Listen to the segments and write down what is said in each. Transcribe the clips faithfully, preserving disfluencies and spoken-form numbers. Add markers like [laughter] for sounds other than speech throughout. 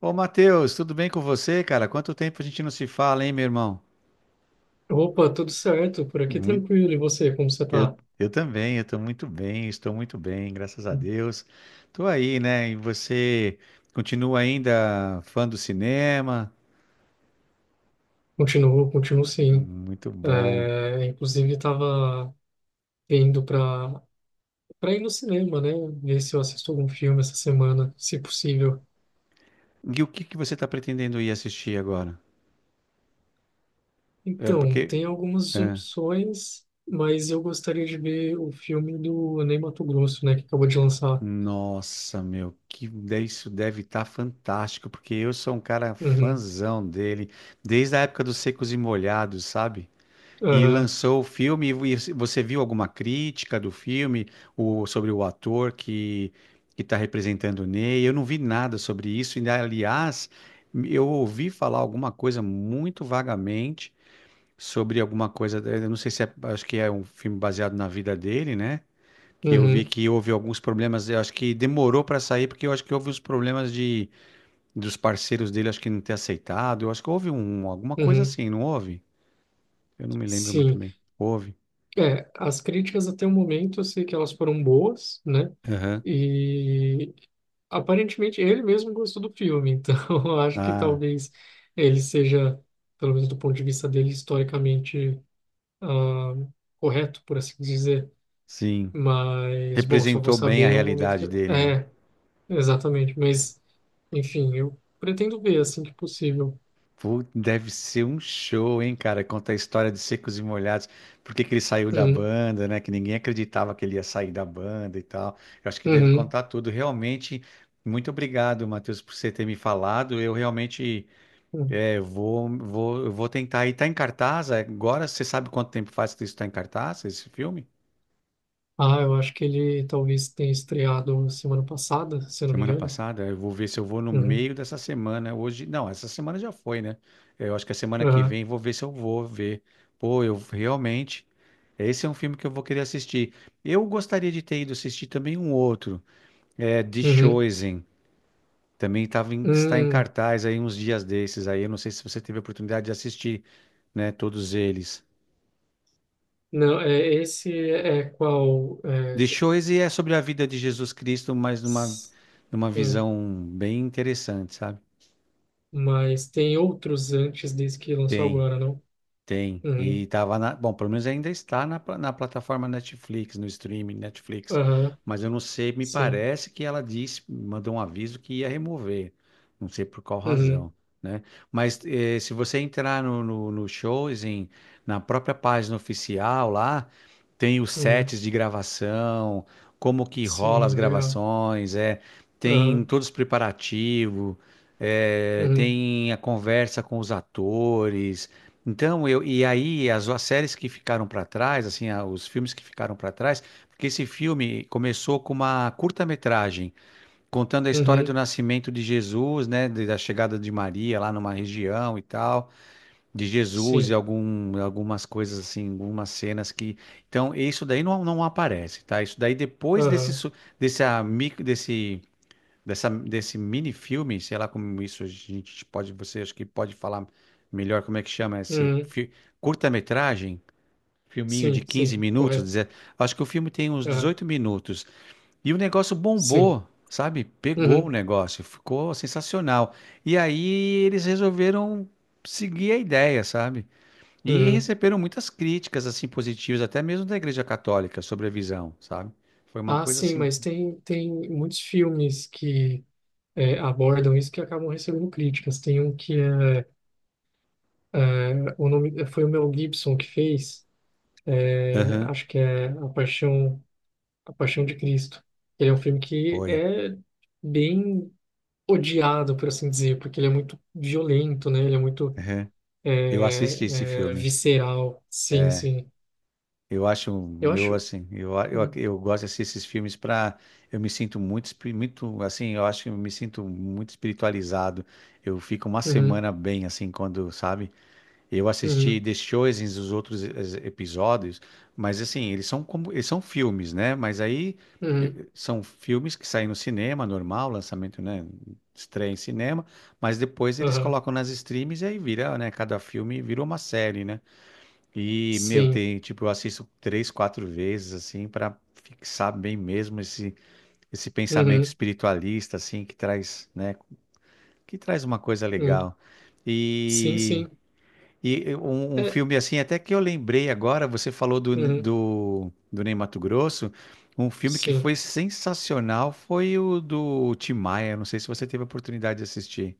Ô, Matheus, tudo bem com você, cara? Quanto tempo a gente não se fala, hein, meu irmão? Opa, tudo certo, por aqui Muito, tranquilo. E você, como você eu, tá? eu também, eu tô muito bem, estou muito bem, graças a Deus. Tô aí, né? E você continua ainda fã do cinema? Continuo, continuo sim. Muito bom. É, inclusive, estava indo para para ir no cinema, né? Ver se eu assisto algum filme essa semana, se possível. E o que que você tá pretendendo ir assistir agora? É Então, porque. tem algumas é, opções, mas eu gostaria de ver o filme do Ney Matogrosso, né? Que acabou de lançar. Nossa, meu, que de- isso deve estar fantástico, porque eu sou um cara Uhum, fãzão dele, desde a época dos Secos e Molhados, sabe? E aham, lançou o filme, e você viu alguma crítica do filme, o, sobre o ator que que está representando o Ney? Eu não vi nada sobre isso, e aliás, eu ouvi falar alguma coisa muito vagamente sobre alguma coisa, eu não sei se é, acho que é um filme baseado na vida dele, né? Que eu vi uhum, que houve alguns problemas, eu acho que demorou para sair, porque eu acho que houve os problemas de dos parceiros dele, acho que não ter aceitado, eu acho que houve um, alguma coisa uhum. assim, não houve? Eu não me lembro muito Sim. bem. Houve. É, as críticas até o momento eu sei que elas foram boas, né? Aham. E aparentemente ele mesmo gostou do filme, então [laughs] eu acho que Ah, talvez ele seja, pelo menos do ponto de vista dele, historicamente ah, correto, por assim dizer. sim. Mas, bom, só vou Representou bem a saber o momento que. realidade eu- dele, né? É, exatamente. Mas, enfim, eu pretendo ver assim que possível. Pô, deve ser um show, hein, cara? Conta a história de Secos e Molhados, por que que ele saiu da Uhum, banda, né? Que ninguém acreditava que ele ia sair da banda e tal. Eu acho que deve uhum, contar tudo. Realmente, muito obrigado, Matheus, por você ter me falado. Eu realmente uhum. é, vou, vou, eu vou tentar. E tá em cartaz agora? Você sabe quanto tempo faz que isso tá em cartaz, esse filme? Ah, eu acho que ele talvez tenha estreado semana passada, se eu não me Semana engano. passada, eu vou ver se eu vou no Uhum, meio dessa semana. Hoje, não, essa semana já foi, né? Eu acho que a semana que ah, vem vou ver se eu vou ver. Pô, eu realmente. Esse é um filme que eu vou querer assistir. Eu gostaria de ter ido assistir também um outro, é The uhum, Chosen. Também tava em- está em hum. cartaz aí uns dias desses. Aí eu não sei se você teve a oportunidade de assistir, né? Todos eles. Não, é, esse é qual? é, The Chosen é sobre a vida de Jesus Cristo, mas numa, numa, Sim, visão bem interessante, sabe? mas tem outros antes desse que lançou Tem. agora, não? Tem. Uhum, E tava na. Bom, pelo menos ainda está na, pla- na plataforma Netflix, no streaming Netflix. aham, Mas eu não sei, me sim, parece que ela disse, mandou um aviso que ia remover. Não sei por qual uhum, razão, né? Mas eh, se você entrar no, no, no shows, em, na própria página oficial lá, tem os uhum, sets de gravação, como que rola as sim, legal, gravações, é, tem aham, todos os preparativos, eh, uhum, tem a conversa com os atores. Então, eu, e aí as, as séries que ficaram para trás, assim, a- os filmes que ficaram para trás, porque esse filme começou com uma curta-metragem contando a história do uhum, nascimento de Jesus, né, de- da chegada de Maria lá numa região e tal, de Jesus e sim, algum, algumas coisas assim, algumas cenas que, então, isso daí não, não aparece, tá? Isso daí depois desse aham, su- desse, amigo desse dessa, desse mini filme, sei lá como isso a gente pode, você acho que pode falar melhor como é que chama esse uhum, fi- curta-metragem, filminho de sim, quinze sim, minutos, correto, deze- acho que o filme tem uns aham, dezoito minutos e o negócio sim, bombou, sabe? Pegou o uhum, negócio, ficou sensacional. E aí eles resolveram seguir a ideia, sabe? E uhum. receberam muitas críticas assim positivas, até mesmo da Igreja Católica sobre a visão, sabe? Foi uma Ah, coisa sim, assim, mas tem, tem, muitos filmes que é, abordam isso que acabam recebendo críticas. Tem um que é, é, o nome, foi o Mel Gibson que fez, é, aham, acho que é A Paixão A Paixão de Cristo. Ele é um filme que foi. é bem odiado, por assim dizer, porque ele é muito violento, né? Ele é muito Aham. Eu é, assisti esse é, filme. visceral. Sim, É, sim. eu acho Eu meu acho. assim, eu, eu, Uhum, eu gosto de assistir esses filmes para eu me sinto muito espi- muito assim, eu acho que eu me sinto muito espiritualizado. Eu fico uma uhum, semana bem assim quando, sabe? Eu assisti uhum, The Chosen, os outros es- episódios, mas assim, eles são como eles são filmes, né? Mas aí uhum, eu- são filmes que saem no cinema normal, lançamento, né, estreia em cinema, mas depois eles aham. colocam nas streams e aí vira, né, cada filme virou uma série, né? E, meu, Sim. tem, tipo, eu assisto três, quatro vezes, assim, para fixar bem mesmo esse, esse pensamento Uhum, espiritualista, assim, que traz, né, que traz uma coisa uhum. legal. Sim, E, sim. e um, um É, filme, assim, até que eu lembrei agora, você falou do, uhum, do, do Ney Matogrosso, um filme que sim. foi sensacional foi o do Tim Maia, não sei se você teve a oportunidade de assistir.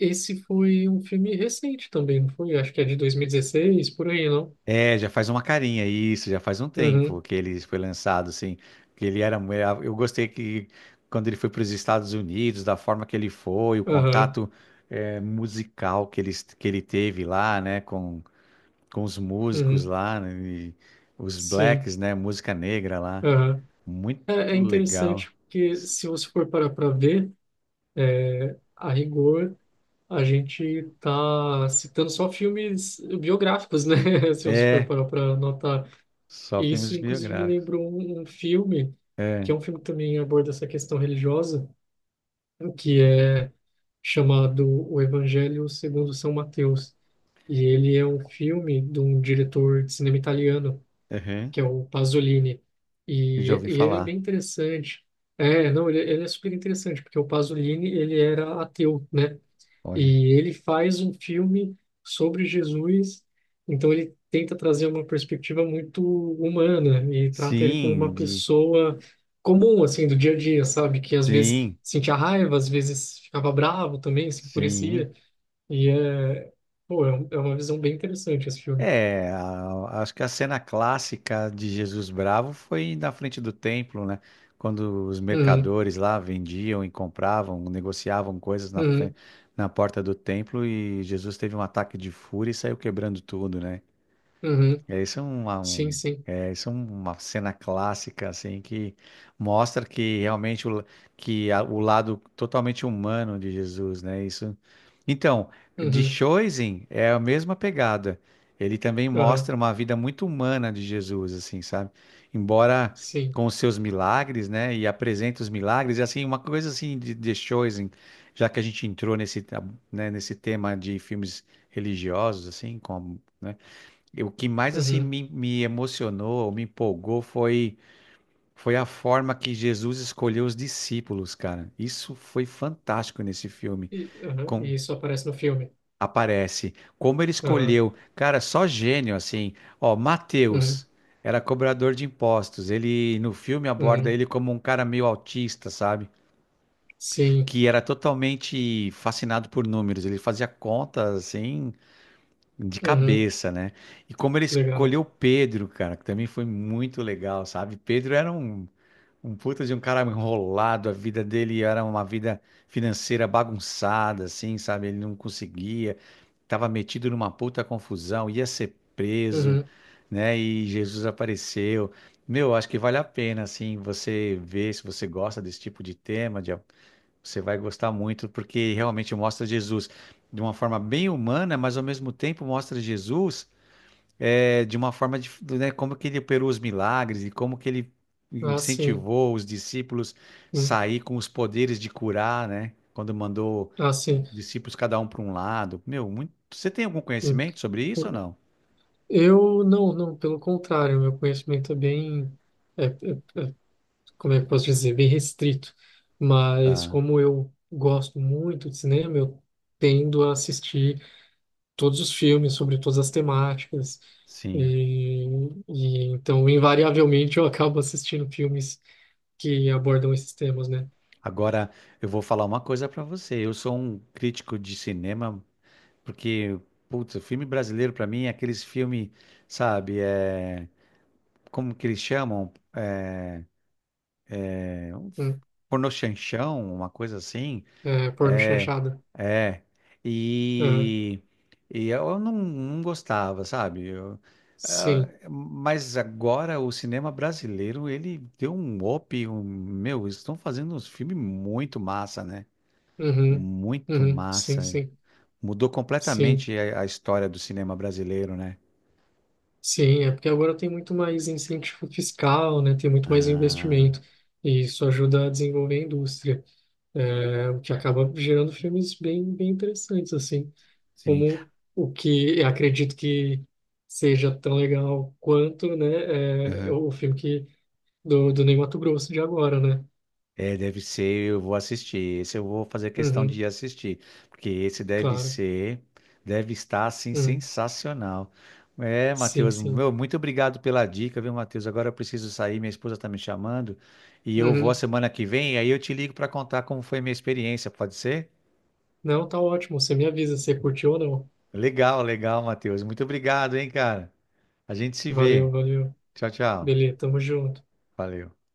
Esse foi um filme recente também, não foi? Acho que é de dois mil e dezesseis, por aí, não? É, já faz uma carinha, isso, já faz um tempo Uhum, que ele foi lançado, assim, que ele era, eu gostei que quando ele foi para os Estados Unidos, da forma que ele foi, o aham, contato eh, musical que ele, que ele teve lá, né, com, com os músicos uhum, lá, né, e os sim. blacks, né, música negra lá, É, é muito legal. interessante porque se você for parar para ver, é, a rigor, a gente está citando só filmes biográficos, né? [laughs] Se você for É, parar para notar. só E isso, filmes inclusive, me biográficos. lembrou um, um filme, É, que é um filme que também aborda essa questão religiosa, que é chamado O Evangelho segundo São Mateus. E ele é um filme de um diretor de cinema italiano uhum, que é o Pasolini. já E, ouvi e ele é bem falar, interessante. É, não, ele, ele é super interessante, porque o Pasolini, ele era ateu, né? olha. E ele faz um filme sobre Jesus, então ele tenta trazer uma perspectiva muito humana e trata ele como Sim, uma de, pessoa comum, assim, do dia a dia, sabe? Que às vezes sim, sentia raiva, às vezes ficava bravo também, se enfurecia. sim. E é, pô, é, um- é uma visão bem interessante esse filme. É, a- acho que a cena clássica de Jesus Bravo foi na frente do templo, né? Quando os Uhum, mercadores lá vendiam e compravam, negociavam coisas na, fre- uhum, na porta do templo e Jesus teve um ataque de fúria e saiu quebrando tudo, né? uhum. É isso é uma, Sim, um, sim. É isso é uma cena clássica assim que mostra que realmente o, que a- o lado totalmente humano de Jesus, né? Isso. Então, de Uhum. Choisin é a mesma pegada. Ele também Aham, mostra uma vida muito humana de Jesus, assim, sabe? Embora sim. com os seus milagres, né? E apresenta os milagres e assim uma coisa assim de, de Choisin, já que a gente entrou nesse, né, nesse tema de filmes religiosos, assim, como né? E o que mais assim Uhum. me, me emocionou, me empolgou foi foi a forma que Jesus escolheu os discípulos, cara. Isso foi fantástico nesse filme. E, aham, Com e isso aparece no filme. aparece como ele Aham, escolheu, cara, só gênio assim. Ó, uhum, Mateus era cobrador de impostos. Ele no filme aborda uhum, ele como um cara meio autista, sabe? sim. Que era totalmente fascinado por números. Ele fazia contas assim de Uhum, cabeça, né? E como ele legal. escolheu Pedro, cara, que também foi muito legal, sabe? Pedro era um, um puta de um cara enrolado, a vida dele era uma vida financeira bagunçada, assim, sabe? Ele não conseguia, tava metido numa puta confusão, ia ser preso, Uhum. né? E Jesus apareceu. Meu, acho que vale a pena, assim, você ver se você gosta desse tipo de tema, de você vai gostar muito, porque realmente mostra Jesus de uma forma bem humana, mas ao mesmo tempo mostra Jesus eh, de uma forma de, né, como que ele operou os milagres e como que ele Ah, sim. incentivou os discípulos Hum, sair com os poderes de curar, né? Quando mandou ah, sim. os discípulos cada um para um lado. Meu, muito... você tem algum Hum. conhecimento sobre isso ou não? Eu não, não, pelo contrário, meu conhecimento é bem, é, é, como é que eu posso dizer, bem restrito. Mas Tá, como eu gosto muito de cinema, eu tendo a assistir todos os filmes sobre todas as temáticas. sim. E, e então, invariavelmente, eu acabo assistindo filmes que abordam esses temas, né? Agora eu vou falar uma coisa para você. Eu sou um crítico de cinema porque, putz, o filme brasileiro pra mim é aqueles filmes, sabe, é, como que eles chamam? É, Hum. Pornochanchão, uma coisa assim. É, porno É, chanchada. é. Aham. E, e eu não, não gostava, sabe? Eu- ah, Sim. mas agora o cinema brasileiro, ele deu um up, um, meu, eles estão fazendo uns filmes muito massa, né? Uhum. Muito Uhum. Sim, massa. sim. Mudou Sim. completamente a a história do cinema brasileiro, né? Sim, é porque agora tem muito mais incentivo fiscal, né? Tem muito mais Ah. investimento. E isso ajuda a desenvolver a indústria, é, o que acaba gerando filmes bem, bem interessantes, assim, Sim. como o que eu acredito que seja tão legal quanto, né, é, Aham. o filme que, do, do Ney Matogrosso de agora, né? É, deve ser, eu vou assistir. Esse eu vou fazer questão Uhum, de assistir, porque esse deve claro. ser, deve estar assim Uhum. sensacional. É, Sim, Matheus, sim. meu, muito obrigado pela dica, viu, Matheus? Agora eu preciso sair, minha esposa está me chamando, e eu vou a Uhum. semana que vem, aí eu te ligo para contar como foi minha experiência, pode ser? Não, tá ótimo. Você me avisa se curtiu ou não. Legal, legal, Matheus. Muito obrigado, hein, cara. A gente se Valeu, vê. valeu. Tchau, tchau. Beleza, tamo junto. Valeu.